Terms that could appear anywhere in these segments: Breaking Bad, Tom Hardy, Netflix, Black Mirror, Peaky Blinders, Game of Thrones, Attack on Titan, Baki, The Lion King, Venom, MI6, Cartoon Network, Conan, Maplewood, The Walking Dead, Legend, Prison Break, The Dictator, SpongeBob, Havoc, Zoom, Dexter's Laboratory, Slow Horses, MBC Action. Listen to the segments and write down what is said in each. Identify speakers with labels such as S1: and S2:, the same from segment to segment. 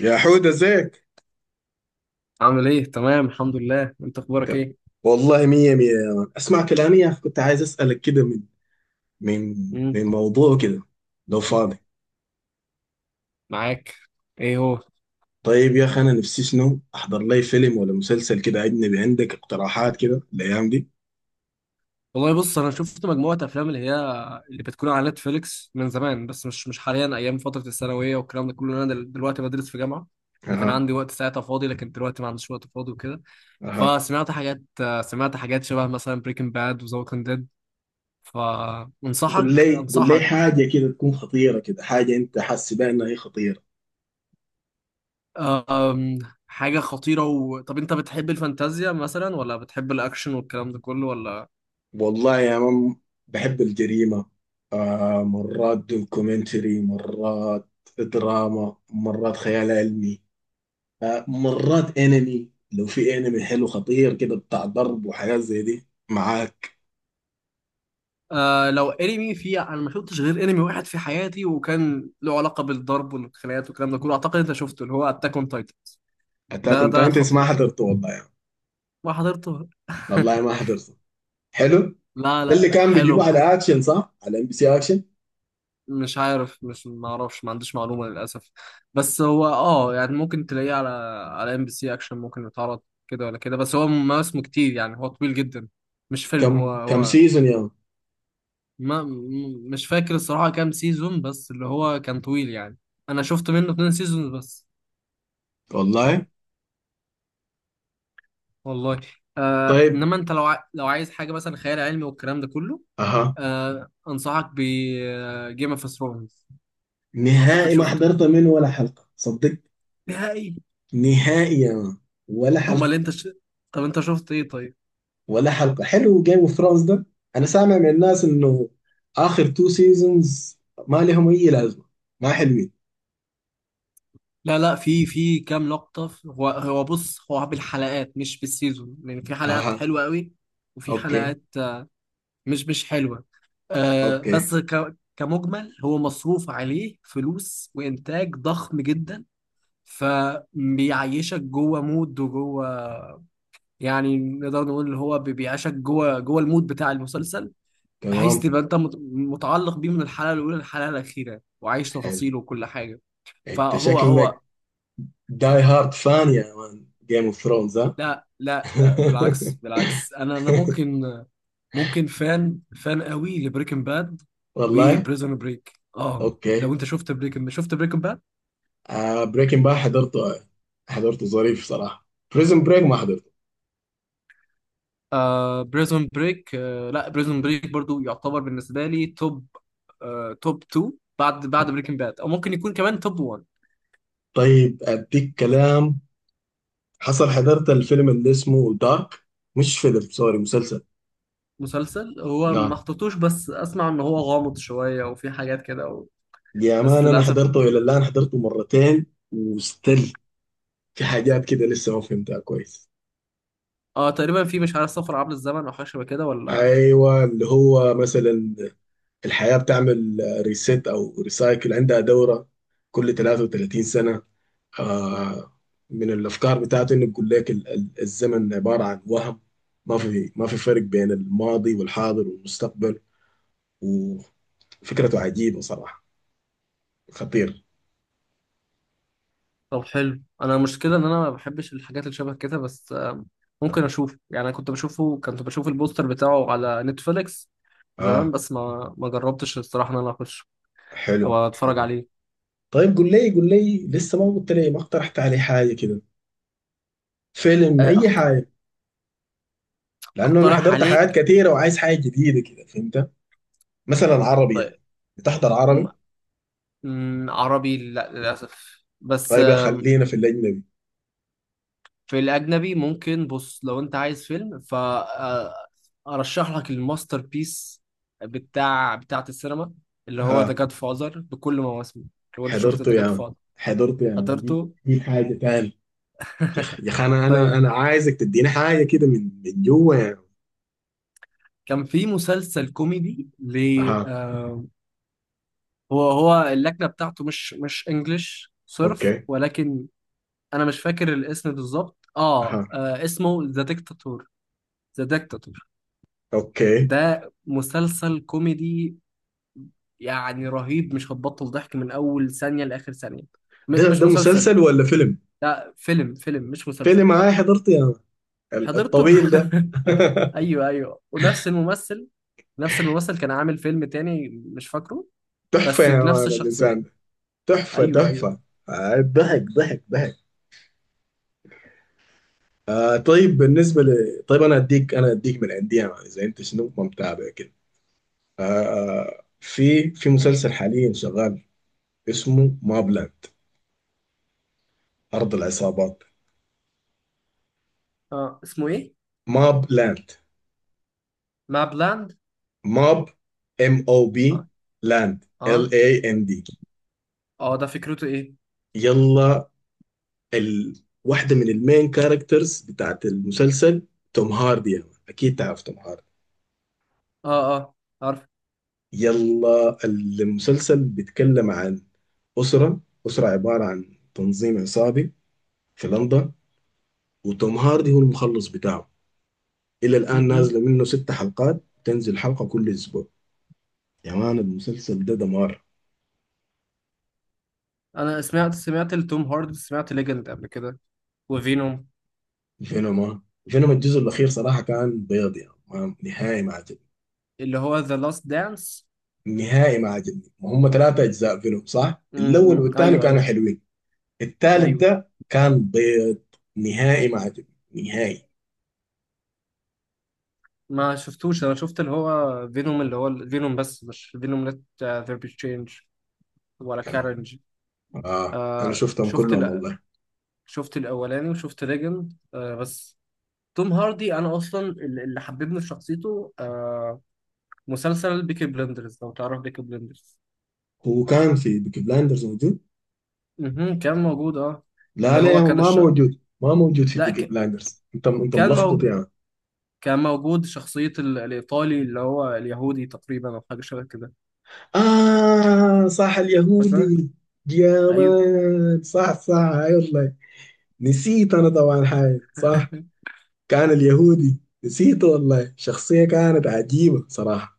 S1: يا حود، ازيك؟
S2: عامل ايه؟ تمام، الحمد لله. انت اخبارك
S1: طب،
S2: ايه؟
S1: والله مية مية يا مان، اسمع كلامي يا اخي. كنت عايز اسألك كده من من من
S2: امم
S1: موضوع كده لو فاضي.
S2: معاك. ايه هو؟
S1: طيب يا اخي، انا نفسي شنو احضر لي فيلم ولا مسلسل كده اجنبي. عندك اقتراحات كده الايام دي؟
S2: والله بص، انا شفت مجموعه افلام اللي هي اللي بتكون على نتفليكس من زمان، بس مش حاليا. ايام فتره الثانويه والكلام ده كله. انا دلوقتي بدرس في جامعه. اللي كان
S1: اها.
S2: عندي وقت ساعتها فاضي، لكن دلوقتي ما عنديش وقت فاضي وكده.
S1: اها.
S2: فسمعت حاجات سمعت حاجات شبه مثلا بريكنج باد وذا ووكينج ديد.
S1: قول لي قول لي
S2: انصحك.
S1: حاجة كده تكون خطيرة، كده حاجة انت حاسس بها انها هي خطيرة.
S2: أم، حاجه خطيره طب انت بتحب الفانتازيا مثلا، ولا بتحب الاكشن والكلام ده كله ولا؟
S1: والله يا مان، بحب الجريمة. مرات دوكيومنتري، مرات دراما، مرات خيال علمي، مرات انمي. لو في انمي حلو خطير كده بتاع ضرب وحاجات زي دي معاك.
S2: آه، لو انمي، في، انا ما شفتش غير انمي واحد في حياتي، وكان له علاقه بالضرب والخناقات والكلام ده كله. اعتقد انت شفته، اللي هو اتاك اون تايتن.
S1: اتاك
S2: ده
S1: اون
S2: ده
S1: تايتنز ما
S2: خطير.
S1: حضرته والله يعني.
S2: ما حضرته؟
S1: والله ما حضرته. حلو.
S2: لا
S1: ده
S2: لا
S1: اللي
S2: لا،
S1: كان
S2: حلو
S1: بيجيبوه على اكشن، صح؟ على ام بي سي اكشن.
S2: مش عارف، مش ما اعرفش، ما عنديش معلومه للاسف. بس هو اه يعني ممكن تلاقيه على، على ام بي سي اكشن، ممكن يتعرض كده ولا كده. بس هو مواسمه كتير، يعني هو طويل جدا، مش فيلم. هو
S1: كم
S2: هو
S1: سيزون يا مان؟
S2: ما م- مش فاكر الصراحه كام سيزون، بس اللي هو كان طويل يعني. انا شفت منه اتنين سيزون بس.
S1: والله.
S2: والله. آه،
S1: طيب.
S2: انما انت لو لو عايز حاجه مثلا خيال علمي والكلام ده كله،
S1: اها.
S2: آه، انصحك ب جيم اوف ثرونز. اعتقد
S1: نهائي ما
S2: شفته،
S1: حضرت منه ولا حلقة، صدق.
S2: نهائي.
S1: نهائي يا مان. ولا
S2: هما اللي
S1: حلقة.
S2: انت طب انت شفت ايه طيب؟
S1: ولا حلقة. حلو جيم اوف ثرونز ده. انا سامع من الناس انه اخر تو سيزونز ما لهم اي لازمة، ما حلوين.
S2: لا لا، في، في كام لقطه، هو بص، هو بالحلقات مش بالسيزون، يعني في حلقات
S1: اها.
S2: حلوه قوي، وفي
S1: اوكي.
S2: حلقات مش حلوه. آه،
S1: اوكي.
S2: بس كمجمل هو مصروف عليه فلوس وانتاج ضخم جدا، فبيعيشك جوه مود وجوه، يعني نقدر نقول اللي هو بيعيشك جوه، جوه المود بتاع المسلسل، بحيث
S1: تمام.
S2: تبقى انت متعلق بيه من الحلقه الاولى للحلقه الاخيره، وعايش
S1: حلو.
S2: تفاصيله وكل حاجه.
S1: انت
S2: فهو.
S1: شكلك داي هارد فان يا مان جيم اوف ثرونز، ها؟
S2: لا لا لا، بالعكس، بالعكس، انا ممكن، ممكن فان، فان قوي لبريكنج باد
S1: والله.
S2: وبريزون بريك. اه، لو
S1: اوكي.
S2: انت شفت بريكنج، شفت بريكنج باد.
S1: آه بريكنج باد، حضرته، حضرته ظريف صراحه. بريزن بريك ما حضرته.
S2: آه، بريزون بريك، آه، لا بريزون بريك برضو يعتبر بالنسبه لي توب، آه، توب 2، بعد بريكنج باد، او ممكن يكون كمان توب 1.
S1: طيب اديك كلام حصل. حضرت الفيلم اللي اسمه دارك، مش فيلم، سوري، مسلسل.
S2: مسلسل، هو ما
S1: لا
S2: حطيتوش، بس اسمع ان هو غامض شويه وفي حاجات كده
S1: يا
S2: بس
S1: مان، انا
S2: للاسف.
S1: حضرته الى الان حضرته مرتين. وستيل في حاجات كده لسه ما فهمتها كويس.
S2: اه، تقريبا في، مش عارف، سفر عبر الزمن او حاجه شبه كده ولا؟
S1: ايوه، اللي هو مثلا الحياة بتعمل ريسيت أو ريسايكل، عندها دورة كل 33 سنة. آه، من الأفكار بتاعته إنه بيقول لك الزمن عبارة عن وهم. ما في فرق بين الماضي والحاضر والمستقبل. وفكرته عجيبة صراحة. خطير.
S2: طب حلو. انا المشكله ان انا ما بحبش الحاجات اللي شبه كده، بس آه، ممكن اشوف يعني. انا كنت بشوفه، كنت بشوف البوستر بتاعه على نتفليكس زمان،
S1: آه.
S2: بس ما جربتش الصراحه ان انا اخش او
S1: حلو
S2: اتفرج
S1: حلو.
S2: عليه.
S1: طيب قول لي قول لي، لسه ما قلت لي ما اقترحت علي حاجة كده، فيلم
S2: آه،
S1: أي حاجة، لأنه أنا
S2: اقترح
S1: حضرت حاجات
S2: عليك.
S1: كثيرة وعايز حاجة جديدة كده، فهمت؟ مثلا عربي يعني،
S2: طيب،
S1: بتحضر؟
S2: م... عربي لا، للاسف. بس
S1: طيب خلينا في الأجنبي.
S2: في الأجنبي ممكن، بص، لو أنت عايز فيلم، فأرشح لك الماستر بيس بتاع، بتاعة السينما، اللي هو ذا
S1: ها.
S2: جاد فازر، بكل مواسمه. لو أنت شفت
S1: حضرته
S2: ذا
S1: يا
S2: جاد
S1: عم،
S2: فازر،
S1: حضرته يا عم، دي
S2: حضرته.
S1: دي حاجة تاني. يا أخ، يا أخي، أنا أنا
S2: طيب،
S1: أنا عايزك تديني حاجة كده من جوه يعني.
S2: كان في مسلسل كوميدي ل،
S1: ها.
S2: آه، هو اللكنة بتاعته مش انجلش صرف،
S1: أوكي.
S2: ولكن انا مش فاكر الاسم بالظبط. اه،
S1: ها.
S2: آه، اسمه ذا ديكتاتور. ذا ديكتاتور.
S1: أوكي.
S2: ده مسلسل كوميدي، يعني رهيب، مش هتبطل ضحك من اول ثانيه لاخر ثانيه.
S1: ده
S2: مش
S1: ده
S2: مسلسل،
S1: مسلسل ولا فيلم؟
S2: لا، فيلم، فيلم مش مسلسل.
S1: فيلم هاي حضرته يا عم،
S2: حضرته.
S1: الطويل ده.
S2: ايوه ايوه، ونفس الممثل. نفس الممثل كان عامل فيلم تاني، مش فاكره،
S1: تحفة
S2: بس
S1: يا
S2: بنفس
S1: مان الإنسان
S2: الشخصيه.
S1: ده. تحفة
S2: ايوه ايوه.
S1: تحفة. ضحك ضحك ضحك. طيب بالنسبة ل طيب، أنا أديك من عندي يا مان، إذا أنت شنو ما متابع كده. آه في مسلسل حاليا شغال، اسمه ماب لاند، أرض العصابات.
S2: اه، اسمه ايه؟
S1: ماب لاند.
S2: ما بلاند.
S1: ماب، ام او بي،
S2: اه
S1: لاند،
S2: اه.
S1: ال اي ان دي.
S2: اه، ده فكرته ايه؟
S1: يلا، واحدة من المين كاركترز بتاعت المسلسل توم هاردي يا مان. أكيد تعرف توم هاردي.
S2: اه اه، عارف.
S1: يلا المسلسل بيتكلم عن أسرة، أسرة عبارة عن تنظيم عصابي في لندن، وتوم هاردي هو المخلص بتاعه. إلى الآن
S2: مهم.
S1: نازلة منه 6 حلقات، تنزل حلقة كل أسبوع. يا مان المسلسل ده دمار.
S2: انا سمعت، سمعت لتوم هاردي، سمعت ليجند قبل كده، وفينوم،
S1: فينوما. فينوما الجزء الأخير صراحة كان بيض يعني، ما نهائي ما عجبني.
S2: اللي هو ذا لاست دانس.
S1: نهائي ما عجبني، وهم 3 أجزاء فينوم، صح؟ الأول والثاني
S2: ايوه
S1: كانوا
S2: ايوه.
S1: حلوين. الثالث
S2: ايوه،
S1: ده كان بيض. نهائي ما عجبني. نهائي.
S2: ما شفتوش. انا شفت اللي هو فينوم، اللي هو فينوم، بس مش فينوم ليت ذير بي تشينج ولا
S1: كان.
S2: كارنج.
S1: أنا
S2: آه،
S1: شفتهم كلهم والله.
S2: شفت الاولاني، وشفت ليجند. آه بس توم هاردي انا اصلا، اللي حببني في شخصيته، آه، مسلسل بيكي بلندرز، لو تعرف بيكي بلندرز.
S1: هو كان في بيكي بلاندرز موجود؟
S2: مهم. كان موجود، اه.
S1: لا
S2: اللي
S1: لا يا
S2: هو
S1: عم،
S2: كان
S1: ما موجود، ما موجود في
S2: لا
S1: بيكي بلاندرز. أنت أنت
S2: كان
S1: ملخبط
S2: موجود،
S1: يعني.
S2: كان موجود شخصية الإيطالي اللي هو اليهودي تقريبا، أو حاجة شبه كده.
S1: آه صح
S2: فاكر؟
S1: اليهودي. يا
S2: أيوه.
S1: مان صح صح. أي والله، نسيت أنا طبعا حاجة، صح. كان اليهودي، نسيته والله، شخصية كانت عجيبة صراحة.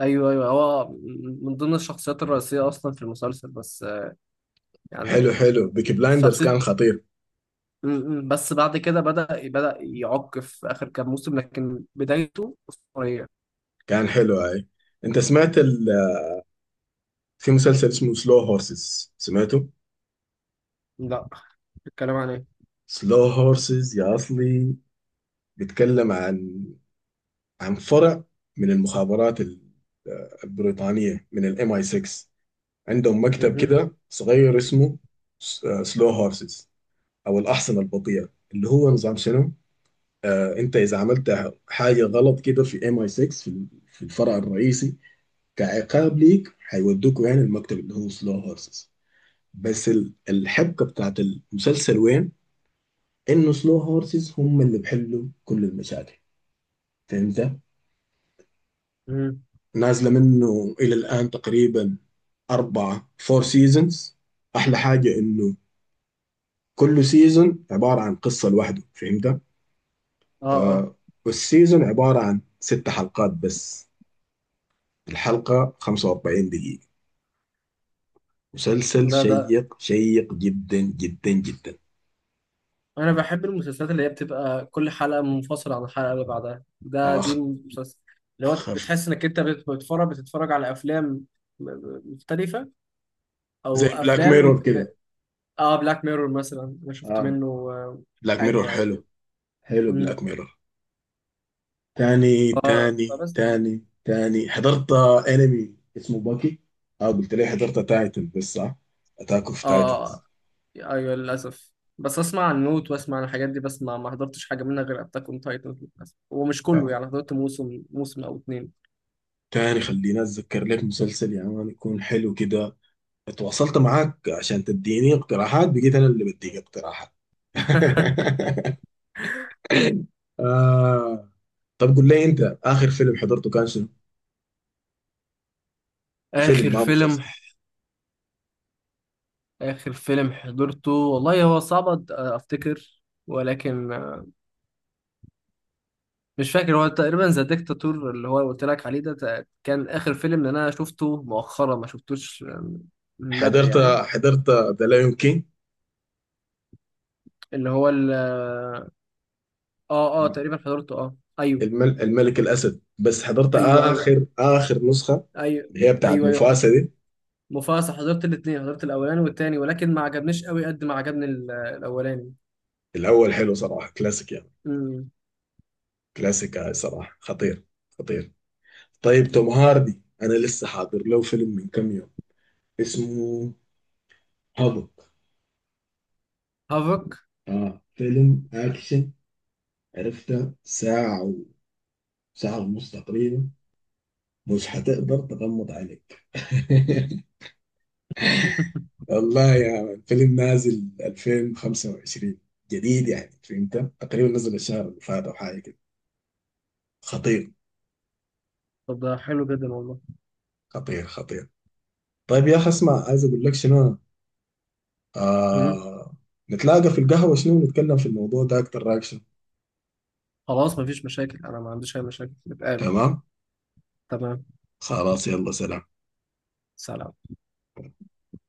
S2: ايوه ايوه، هو من ضمن الشخصيات الرئيسيه اصلا في المسلسل، بس آه، يعني
S1: حلو حلو، بيكي بلايندرز
S2: شخصيه،
S1: كان خطير.
S2: بس بعد كده بدأ، بدأ يعق في اخر كام موسم، لكن بدايته اسطوريه.
S1: كان حلو هاي. انت سمعت في مسلسل اسمه سلو هورسز، سمعته؟
S2: لا. الكلام عن ايه؟
S1: سلو هورسز يا اصلي، بيتكلم عن فرع من المخابرات البريطانية، من الام اي 6. عندهم مكتب
S2: مهم.
S1: كده صغير اسمه سلو هورسز، او الاحصنة البطيئة. اللي هو نظام شنو، انت اذا عملت حاجه غلط كده في ام اي 6، في الفرع الرئيسي، كعقاب ليك هيودوكوا يعني المكتب اللي هو سلو هورسز. بس الحبكه بتاعت المسلسل وين؟ انه سلو هورسز هم اللي بيحلوا كل المشاكل، فهمت؟
S2: مهم.
S1: نازله منه الى الان تقريبا 4 فور سيزونز. احلى حاجه انه كل سيزون عباره عن قصه لوحده، فهمت؟
S2: اه اه.
S1: آه. والسيزون عباره عن 6 حلقات بس. الحلقة 45 دقيقة. مسلسل
S2: ده
S1: شيق شيق جدا جدا جدا.
S2: انا بحب المسلسلات اللي هي بتبقى كل حلقه منفصله عن الحلقه اللي بعدها. ده
S1: اخ.
S2: دي مسلسل اللي هو
S1: خف.
S2: بتحس انك انت بتتفرج، بتتفرج على افلام مختلفه،
S1: زي
S2: او
S1: بلاك
S2: افلام.
S1: ميرور كده.
S2: اه، بلاك ميرور مثلا، انا شفت
S1: آه.
S2: منه آه،
S1: بلاك
S2: حاجه
S1: ميرور
S2: يعني
S1: حلو.
S2: كده.
S1: حلو
S2: امم
S1: بلاك ميرور. تاني تاني
S2: فبس.
S1: تاني تاني حضرت انمي اسمه باكي. اه، قلت لي حضرت تايتن بس، صح؟ اتاك اوف تايتنز.
S2: اه، ايوه، للاسف. بس اسمع عن نوت، واسمع عن الحاجات دي، بس ما حضرتش حاجه منها غير اتاك اون تايتن للاسف، ومش كله
S1: اه.
S2: يعني، حضرت موسم، موسم او اتنين.
S1: تاني خليني اتذكر لك مسلسل يا مان يكون حلو كده. تواصلت معاك عشان تديني اقتراحات، بقيت انا اللي بديك اقتراحات. آه. طب قول لي، انت اخر فيلم حضرته كان شنو؟
S2: اخر
S1: فيلم ما
S2: فيلم؟
S1: مسلسل.
S2: اخر فيلم حضرته والله هو صعب افتكر، ولكن آه، مش فاكر. هو تقريبا ذا ديكتاتور، اللي هو قلت لك عليه ده، كان اخر فيلم اللي انا شفته، مؤخرا ما شفتوش آه، من بدري
S1: حضرت
S2: يعني.
S1: حضرت ذا لايون كينج،
S2: اللي هو، اه اه تقريبا حضرته، اه، ايوه
S1: الملك الاسد، بس حضرت
S2: ايوه. ايوه
S1: اخر نسخه،
S2: ايوه.
S1: اللي هي بتاعت
S2: ايوه ايوه، حضرت
S1: مفاسده دي.
S2: مفاصل، حضرت الاثنين، حضرت الاولاني والتاني، ولكن ما عجبنيش قوي قد ما عجبني الاولاني.
S1: الاول حلو صراحه كلاسيك يعني.
S2: امم.
S1: كلاسيك، صراحه خطير. خطير. طيب توم هاردي، انا لسه حاضر له فيلم من كم يوم، اسمه هابوك.
S2: هافك.
S1: اه فيلم اكشن. عرفته ساعه ونص تقريبا. مش حتقدر تغمض عليك. والله يا، الفيلم نازل 2025، جديد يعني فهمت، تقريبا نزل الشهر اللي فات او حاجه كده. خطير
S2: طب ده حلو جدا والله.
S1: خطير خطير. طيب يا اخي اسمع، عايز اقول لك شنو.
S2: امم.
S1: آه... نتلاقى في القهوه شنو، نتكلم في الموضوع ده اكتر اكشن.
S2: خلاص، مفيش مشاكل، انا ما عنديش اي مشاكل، نتقابل.
S1: تمام.
S2: تمام.
S1: خلاص يلا سلام.
S2: سلام.